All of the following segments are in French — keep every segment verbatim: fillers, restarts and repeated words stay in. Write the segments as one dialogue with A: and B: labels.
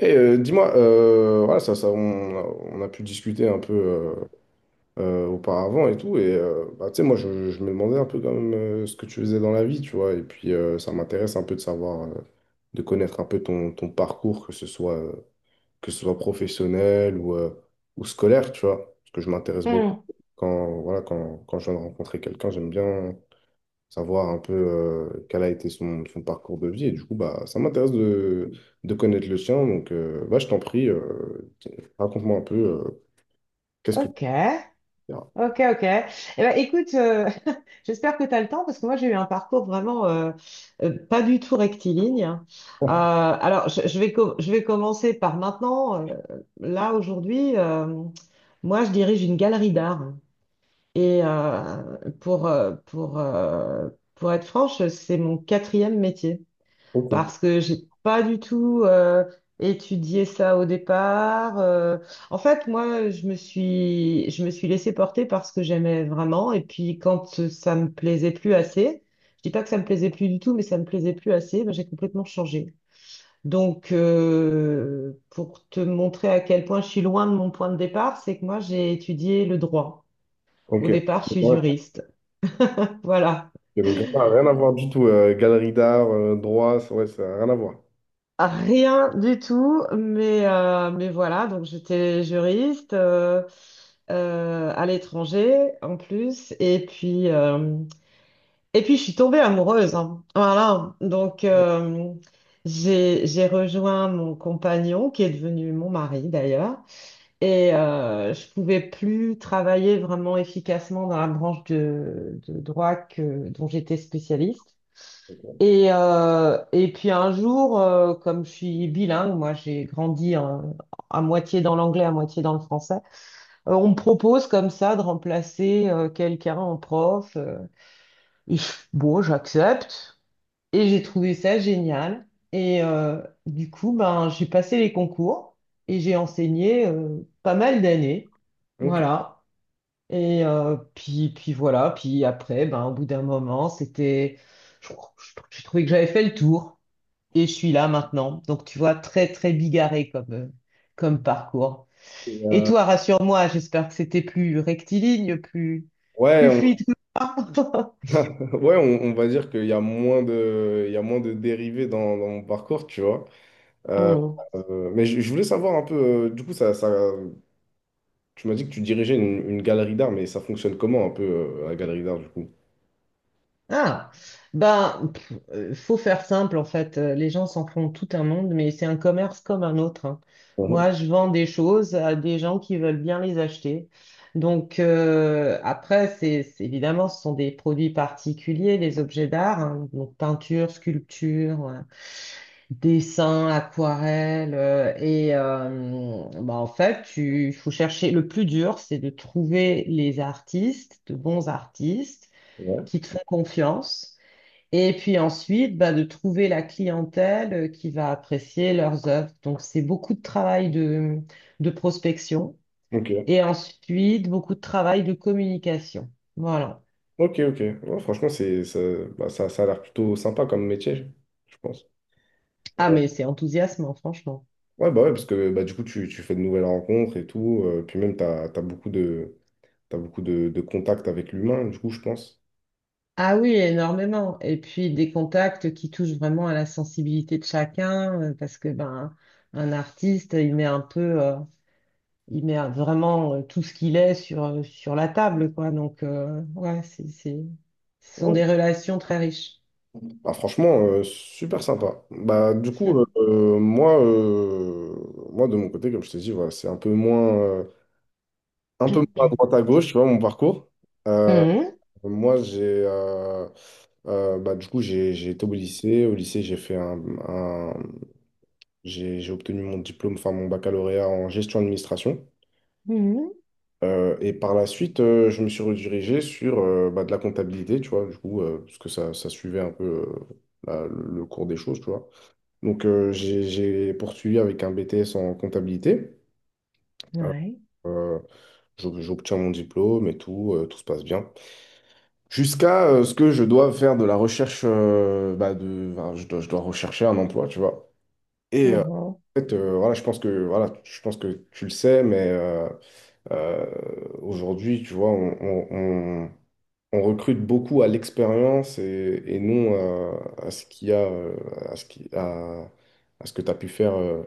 A: Et euh, dis-moi, euh, voilà, ça, ça, on, a, on a pu discuter un peu euh, euh, auparavant et tout. Et euh, bah, tu sais, moi, je, je me demandais un peu quand même euh, ce que tu faisais dans la vie, tu vois. Et puis, euh, ça m'intéresse un peu de savoir, euh, de connaître un peu ton, ton parcours, que ce soit, euh, que ce soit professionnel ou, euh, ou scolaire, tu vois. Parce que je m'intéresse beaucoup.
B: Hmm.
A: Quand, voilà, quand, quand je viens de rencontrer quelqu'un, j'aime bien savoir un peu euh, quel a été son, son parcours de vie. Et du coup, bah, ça m'intéresse de, de connaître le chien. Donc, euh, bah, je t'en prie, euh, raconte-moi un peu euh, qu'est-ce que tu
B: Ok,
A: fais. Ah,
B: ok, ok. Eh ben, écoute, euh, j'espère que tu as le temps parce que moi j'ai eu un parcours vraiment euh, euh, pas du tout rectiligne, hein. Euh, alors je, je vais com- je vais commencer par maintenant. Euh, là aujourd'hui, euh, moi je dirige une galerie d'art et euh, pour euh, pour euh, pour être franche, c'est mon quatrième métier.
A: Ok.
B: Parce que j'ai pas du tout euh, étudié ça au départ, euh. En fait, moi, je me suis, je me suis laissée porter parce que j'aimais vraiment. Et puis, quand euh, ça me plaisait plus assez, je dis pas que ça me plaisait plus du tout, mais ça me plaisait plus assez, ben, j'ai complètement changé. Donc, euh, pour te montrer à quel point je suis loin de mon point de départ, c'est que moi, j'ai étudié le droit. Au
A: Ok.
B: départ, je suis
A: Ouais,
B: juriste. Voilà.
A: et donc, rien rien à voir du tout. euh, galerie d'art, euh, droit, ça- ouais, ça n'a rien à voir.
B: Rien du tout, mais, euh, mais voilà, donc j'étais juriste euh, euh, à l'étranger en plus, et puis, euh, et puis je suis tombée amoureuse, hein. Voilà, donc euh, j'ai, j'ai rejoint mon compagnon qui est devenu mon mari d'ailleurs, et euh, je pouvais plus travailler vraiment efficacement dans la branche de, de droit que, dont j'étais spécialiste. Et, euh, et puis un jour, euh, comme je suis bilingue, moi j'ai grandi en- à moitié dans l'anglais, à moitié dans le français, euh, on me propose comme ça de remplacer euh, quelqu'un en prof, euh, et je- bon, j'accepte. Et j'ai trouvé ça génial. Et euh, du coup, ben, j'ai passé les concours et j'ai enseigné euh, pas mal d'années.
A: Ok.
B: Voilà. Et euh, puis, puis voilà. Puis après, ben, au bout d'un moment, c'était... je- je- J'ai trouvé que j'avais fait le tour. Et je suis là maintenant. Donc, tu vois, très, très bigarré comme, euh, comme parcours.
A: Et,
B: Et
A: euh,
B: toi, rassure-moi, j'espère que c'était plus rectiligne, plus,
A: ouais,
B: plus fluide
A: on,
B: que moi.
A: ouais, on, on va dire qu'il y a moins de, il y a moins de dérivés dans, dans mon parcours, tu vois.
B: Hmm.
A: Euh, mais je, je voulais savoir un peu, euh, du coup, ça, ça, tu m'as dit que tu dirigeais une, une galerie d'art, mais ça fonctionne comment un peu euh, la galerie d'art du coup?
B: Ah, ben, pff, euh, faut faire simple en fait. Euh, Les gens s'en font tout un monde, mais c'est un commerce comme un autre, hein.
A: Mhm.
B: Moi, je vends des choses à des gens qui veulent bien les acheter. Donc euh, après, c'est c'est- évidemment, ce sont des produits particuliers, les objets d'art, hein, donc peinture, sculpture, ouais, dessin, aquarelle. euh, et euh, bah, en fait, tu- il faut chercher. Le plus dur, c'est de trouver les artistes, de bons artistes
A: Ouais.
B: qui te font confiance. Et puis ensuite, bah, de trouver la clientèle euh, qui va apprécier leurs œuvres. Donc, c'est beaucoup de travail de, de prospection
A: Ok,
B: et ensuite beaucoup de travail de communication. Voilà.
A: ok, ok. Ouais, franchement, c'est, ça, bah, ça, ça a l'air plutôt sympa comme métier, je pense.
B: Ah, mais c'est enthousiasmant, franchement.
A: Ouais, bah ouais, parce que bah, du coup, tu, tu fais de nouvelles rencontres et tout, euh, puis même, t'as t'as beaucoup de, t'as beaucoup de, de contacts avec l'humain, du coup, je pense.
B: Ah oui, énormément. Et puis des contacts qui touchent vraiment à la sensibilité de chacun, euh, parce que ben un artiste, il met un peu, euh, il met un- vraiment euh, tout ce qu'il est sur euh, sur la table, quoi. Donc euh, ouais, c'est c'est ce sont
A: Ouais.
B: des relations très riches.
A: Bah, franchement, euh, super sympa. Bah, du coup, euh, euh, moi, euh, moi, de mon côté, comme je t'ai dit, voilà, c'est un peu moins, euh, un peu moins à droite à gauche, tu vois, mon parcours. Euh,
B: Mhm,
A: Moi, j'ai euh, euh, bah, du coup j'ai j'ai été au lycée. Au lycée, j'ai fait un, un- j'ai j'ai obtenu mon diplôme, enfin mon baccalauréat en gestion administration.
B: mhm,
A: Euh, et par la suite, euh, je me suis redirigé sur euh, bah, de la comptabilité, tu vois, du coup, euh, parce que ça, ça suivait un peu euh, la- le le cours des choses, tu vois. Donc euh, j'ai j'ai poursuivi avec un B T S en comptabilité.
B: ouais.
A: Euh, j'ob- j'obtiens mon diplôme et tout, euh, tout se passe bien. Jusqu'à euh, ce que je dois faire de la recherche, euh, bah, de, enfin, je dois, je dois rechercher un emploi, tu vois. Et euh,
B: Mhm,
A: en fait, euh, voilà, je pense que, voilà, je pense que tu le sais, mais euh, euh, aujourd'hui, tu vois, on, on- on- on recrute beaucoup à l'expérience et, et non euh, à ce qu'il y a, euh, à ce qui, à, à ce que tu as pu faire euh,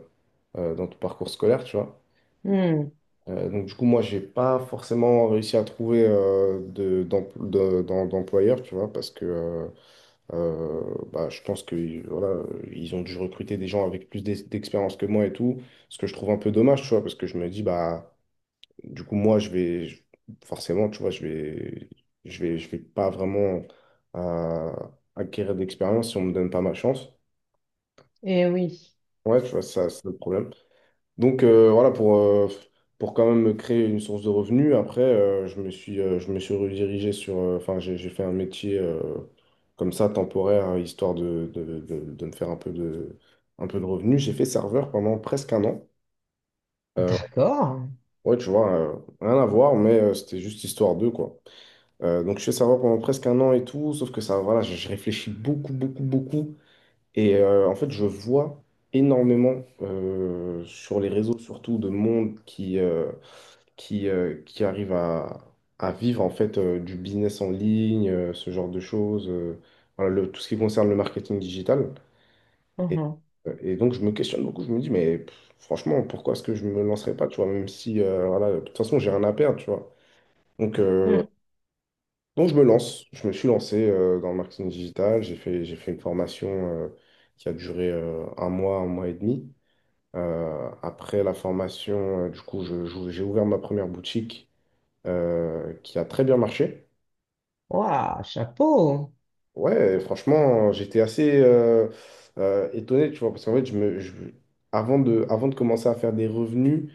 A: euh, dans ton parcours scolaire, tu vois.
B: mhm.
A: Euh, donc, du coup, moi, j'ai pas forcément réussi à trouver euh, de, d'em- de- d'em- d'employeur, tu vois, parce que... euh, euh, bah, je pense que voilà, ils ont dû recruter des gens avec plus d'ex- d'expérience que moi et tout, ce que je trouve un peu dommage, tu vois, parce que je me dis, bah, du coup, moi, je vais je- forcément, tu vois, je vais, je vais, je vais pas vraiment euh, acquérir d'expérience si on me donne pas ma chance.
B: Eh oui.
A: Ouais, tu vois, ça, c'est le problème. Donc euh, voilà, pour, euh, pour quand même me créer une source de revenus, après, euh, je me suis, euh, je me suis redirigé sur... euh, enfin, j'ai j'ai fait un métier euh, comme ça, temporaire, hein, histoire de, de, de, de me faire un peu de, un peu de revenus. J'ai fait serveur pendant presque un an. Euh,
B: D'accord.
A: ouais, tu vois, euh, rien à voir, mais euh, c'était juste histoire d'eux, quoi. Euh, donc, je fais serveur pendant presque un an et tout, sauf que ça, voilà, je, je réfléchis beaucoup, beaucoup, beaucoup. Et euh, en fait, je vois énormément euh, sur les réseaux, surtout, de monde qui... euh, qui, euh, qui arrivent à, à vivre en fait euh, du business en ligne, euh, ce genre de choses, euh, voilà, le- tout ce qui concerne le marketing digital. Et,
B: Mhm,
A: euh, et donc je me questionne beaucoup, je me dis, mais pff, franchement, pourquoi est-ce que je me lancerais pas, tu vois, même si, euh, voilà, de toute façon, j'ai rien à perdre, tu vois. Donc, euh,
B: mhm.
A: donc je me lance, je me suis lancé euh, dans le marketing digital, j'ai fait, j'ai fait une formation euh, qui a duré euh, un mois, un mois et demi. Euh, après la formation, euh, du coup, je- je- j'ai ouvert ma première boutique euh, qui a très bien marché.
B: Ouah, chapeau.
A: Ouais, franchement, j'étais assez euh, euh, étonné, tu vois, parce qu'en fait, je me, je- avant de, avant de commencer à faire des revenus,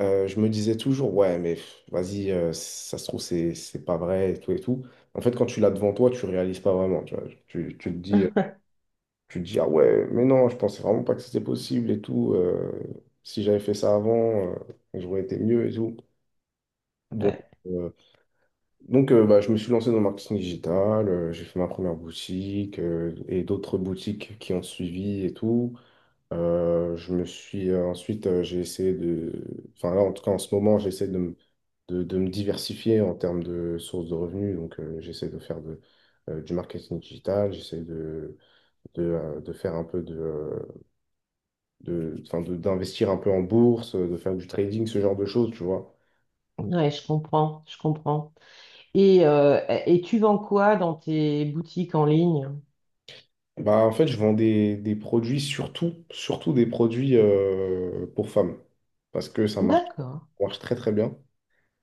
A: euh, je me disais toujours, ouais, mais pff, vas-y, euh, ça se trouve, c'est, c'est pas vrai, et tout et tout. En fait, quand tu l'as devant toi, tu réalises pas vraiment, tu vois. Tu, tu te dis, euh, tu te dis, ah ouais, mais non, je pensais vraiment pas que c'était possible et tout. euh, si j'avais fait ça avant, euh, j'aurais été mieux et tout. Donc,
B: Ouais,
A: euh, Donc, euh, bah, je me suis lancé dans le marketing digital, euh, j'ai fait ma première boutique euh, et d'autres boutiques qui ont suivi et tout. Euh, je me suis euh, ensuite, euh, j'ai essayé de, enfin là, en tout cas, en ce moment, j'essaie de, me- de, de me diversifier en termes de sources de revenus. Donc, euh, j'essaie de faire de, euh, du marketing digital, j'essaie de, de, euh, de faire un peu de, euh, de, enfin, de- d'investir un peu en bourse, de faire du trading, ce genre de choses, tu vois.
B: ouais, je comprends, je comprends. Et, euh, et tu vends quoi dans tes boutiques en ligne?
A: Bah, en fait, je vends des, des produits, surtout, surtout des produits euh, pour femmes. Parce que ça marche,
B: D'accord.
A: ça marche très très bien.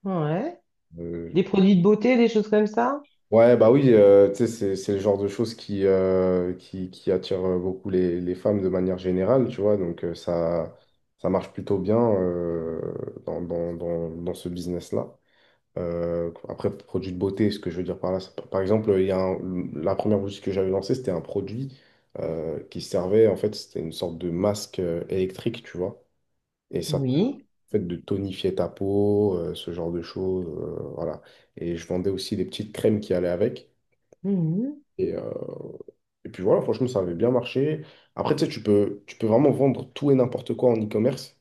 B: Ouais.
A: Euh,
B: Des produits de beauté, des choses comme ça?
A: ouais, bah oui, euh, tu sais, c'est, c'est le genre de choses qui, euh, qui, qui attire euh, beaucoup les, les femmes de manière générale, tu vois. Donc euh, ça, ça marche plutôt bien euh, dans, dans, dans, dans ce business-là. Euh, après, produit de beauté, ce que je veux dire par là, c'est par exemple, il y a un- la première boutique que j'avais lancée, c'était un produit euh, qui servait, en fait, c'était une sorte de masque euh, électrique, tu vois. Et ça te permet,
B: Oui.
A: en fait de tonifier ta peau, euh, ce genre de choses, euh, voilà. Et je vendais aussi des petites crèmes qui allaient avec.
B: Mhm.
A: Et, euh, et puis voilà, franchement, ça avait bien marché. Après, tu sais, tu peux, tu peux vraiment vendre tout et n'importe quoi en e-commerce.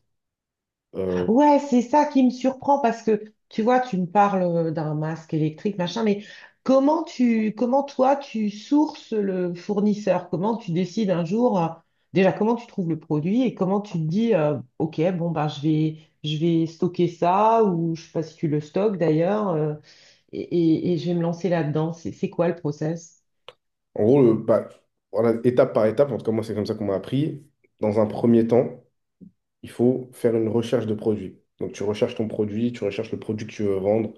A: Euh,
B: Ouais, c'est ça qui me surprend parce que tu vois, tu me parles euh, d'un masque électrique, machin, mais comment tu, comment toi, tu sources le fournisseur? Comment tu décides un jour, euh, déjà, comment tu trouves le produit et comment tu te dis, euh, OK, bon, ben, je vais, je vais stocker ça ou je sais pas si tu le stockes d'ailleurs. euh, et, et- et je vais me lancer là-dedans. C'est c'est quoi le process?
A: en gros, le- bah, voilà, étape par étape, en tout cas, moi, c'est comme ça qu'on m'a appris. Dans un premier temps, il faut faire une recherche de produit. Donc, tu recherches ton produit, tu recherches le produit que tu veux vendre.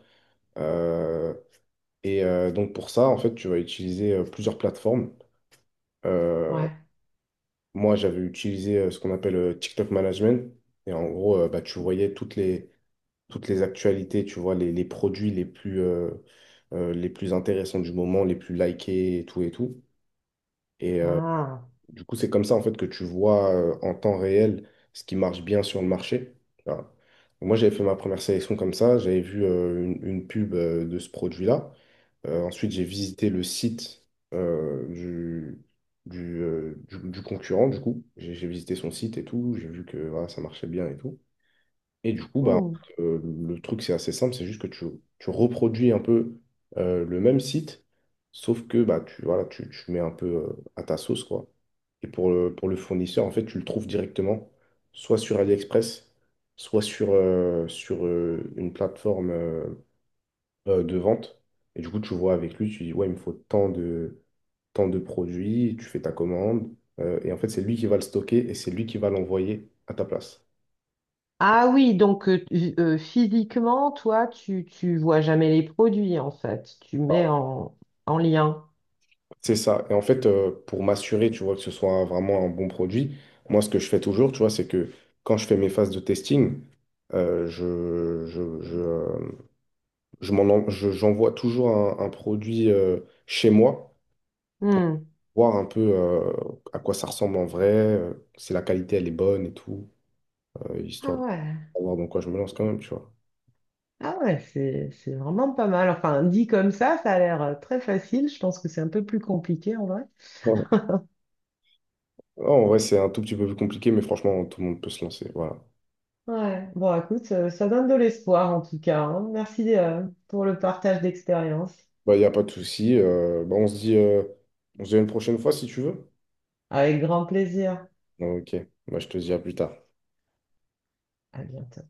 A: euh, et euh, donc, pour ça, en fait, tu vas utiliser euh, plusieurs plateformes. Euh,
B: Ouais.
A: moi, j'avais utilisé euh, ce qu'on appelle euh, TikTok Management. Et en gros, euh, bah, tu voyais toutes les, toutes les actualités, tu vois, les, les produits les plus, euh, euh, les plus intéressants du moment, les plus likés et tout et tout. Et, euh,
B: Ah.
A: du coup, c'est comme ça en fait que tu vois euh, en temps réel ce qui marche bien sur le marché. Voilà. Moi, j'avais fait ma première sélection comme ça. J'avais vu euh, une, une pub euh, de ce produit-là. Euh, ensuite, j'ai visité le site euh, du, du, euh, du- du concurrent, du coup. J'ai j'ai visité son site et tout. J'ai vu que voilà, ça marchait bien et tout. Et du coup, bah,
B: Hmm.
A: euh, le truc, c'est assez simple, c'est juste que tu, tu reproduis un peu euh, le même site, sauf que bah, tu, voilà, tu, tu mets un peu euh, à ta sauce, quoi. Et pour le, pour le fournisseur, en fait, tu le trouves directement, soit sur AliExpress, soit sur, euh, sur euh, une plateforme euh, euh, de vente. Et du coup, tu vois avec lui, tu dis, ouais, il me faut tant de, tant de produits, tu fais ta commande. euh, et en fait, c'est lui qui va le stocker et c'est lui qui va l'envoyer à ta place.
B: Ah oui, donc euh, tu- euh, physiquement, toi, tu, tu vois jamais les produits en fait. Tu mets en, en lien.
A: C'est ça. Et en fait, euh, pour m'assurer, tu vois, que ce soit vraiment un bon produit, moi, ce que je fais toujours, tu vois, c'est que quand je fais mes phases de testing, euh, je, je, je, euh, je m'en en- je- j'envoie toujours un, un produit euh, chez moi,
B: Hmm.
A: voir un peu euh, à quoi ça ressemble en vrai, euh, si la qualité, elle est bonne et tout, euh,
B: Ah
A: histoire de
B: ouais.
A: savoir dans quoi je me lance quand même, tu vois.
B: Ah ouais, c'est c'est vraiment pas mal. Enfin, dit comme ça, ça a l'air euh, très facile. Je pense que c'est un peu plus compliqué en vrai.
A: Bon. Non, en vrai, c'est un tout petit peu plus compliqué, mais franchement, tout le monde peut se lancer. Voilà.
B: Ouais. Bon, écoute, euh, ça donne de l'espoir en tout cas, hein. Merci euh, pour le partage d'expérience.
A: Bah, il n'y a pas de souci. euh, bah, on se dit, euh, on se dit à une prochaine fois si tu veux.
B: Avec grand plaisir.
A: Ok, moi je te dis à plus tard.
B: À bientôt.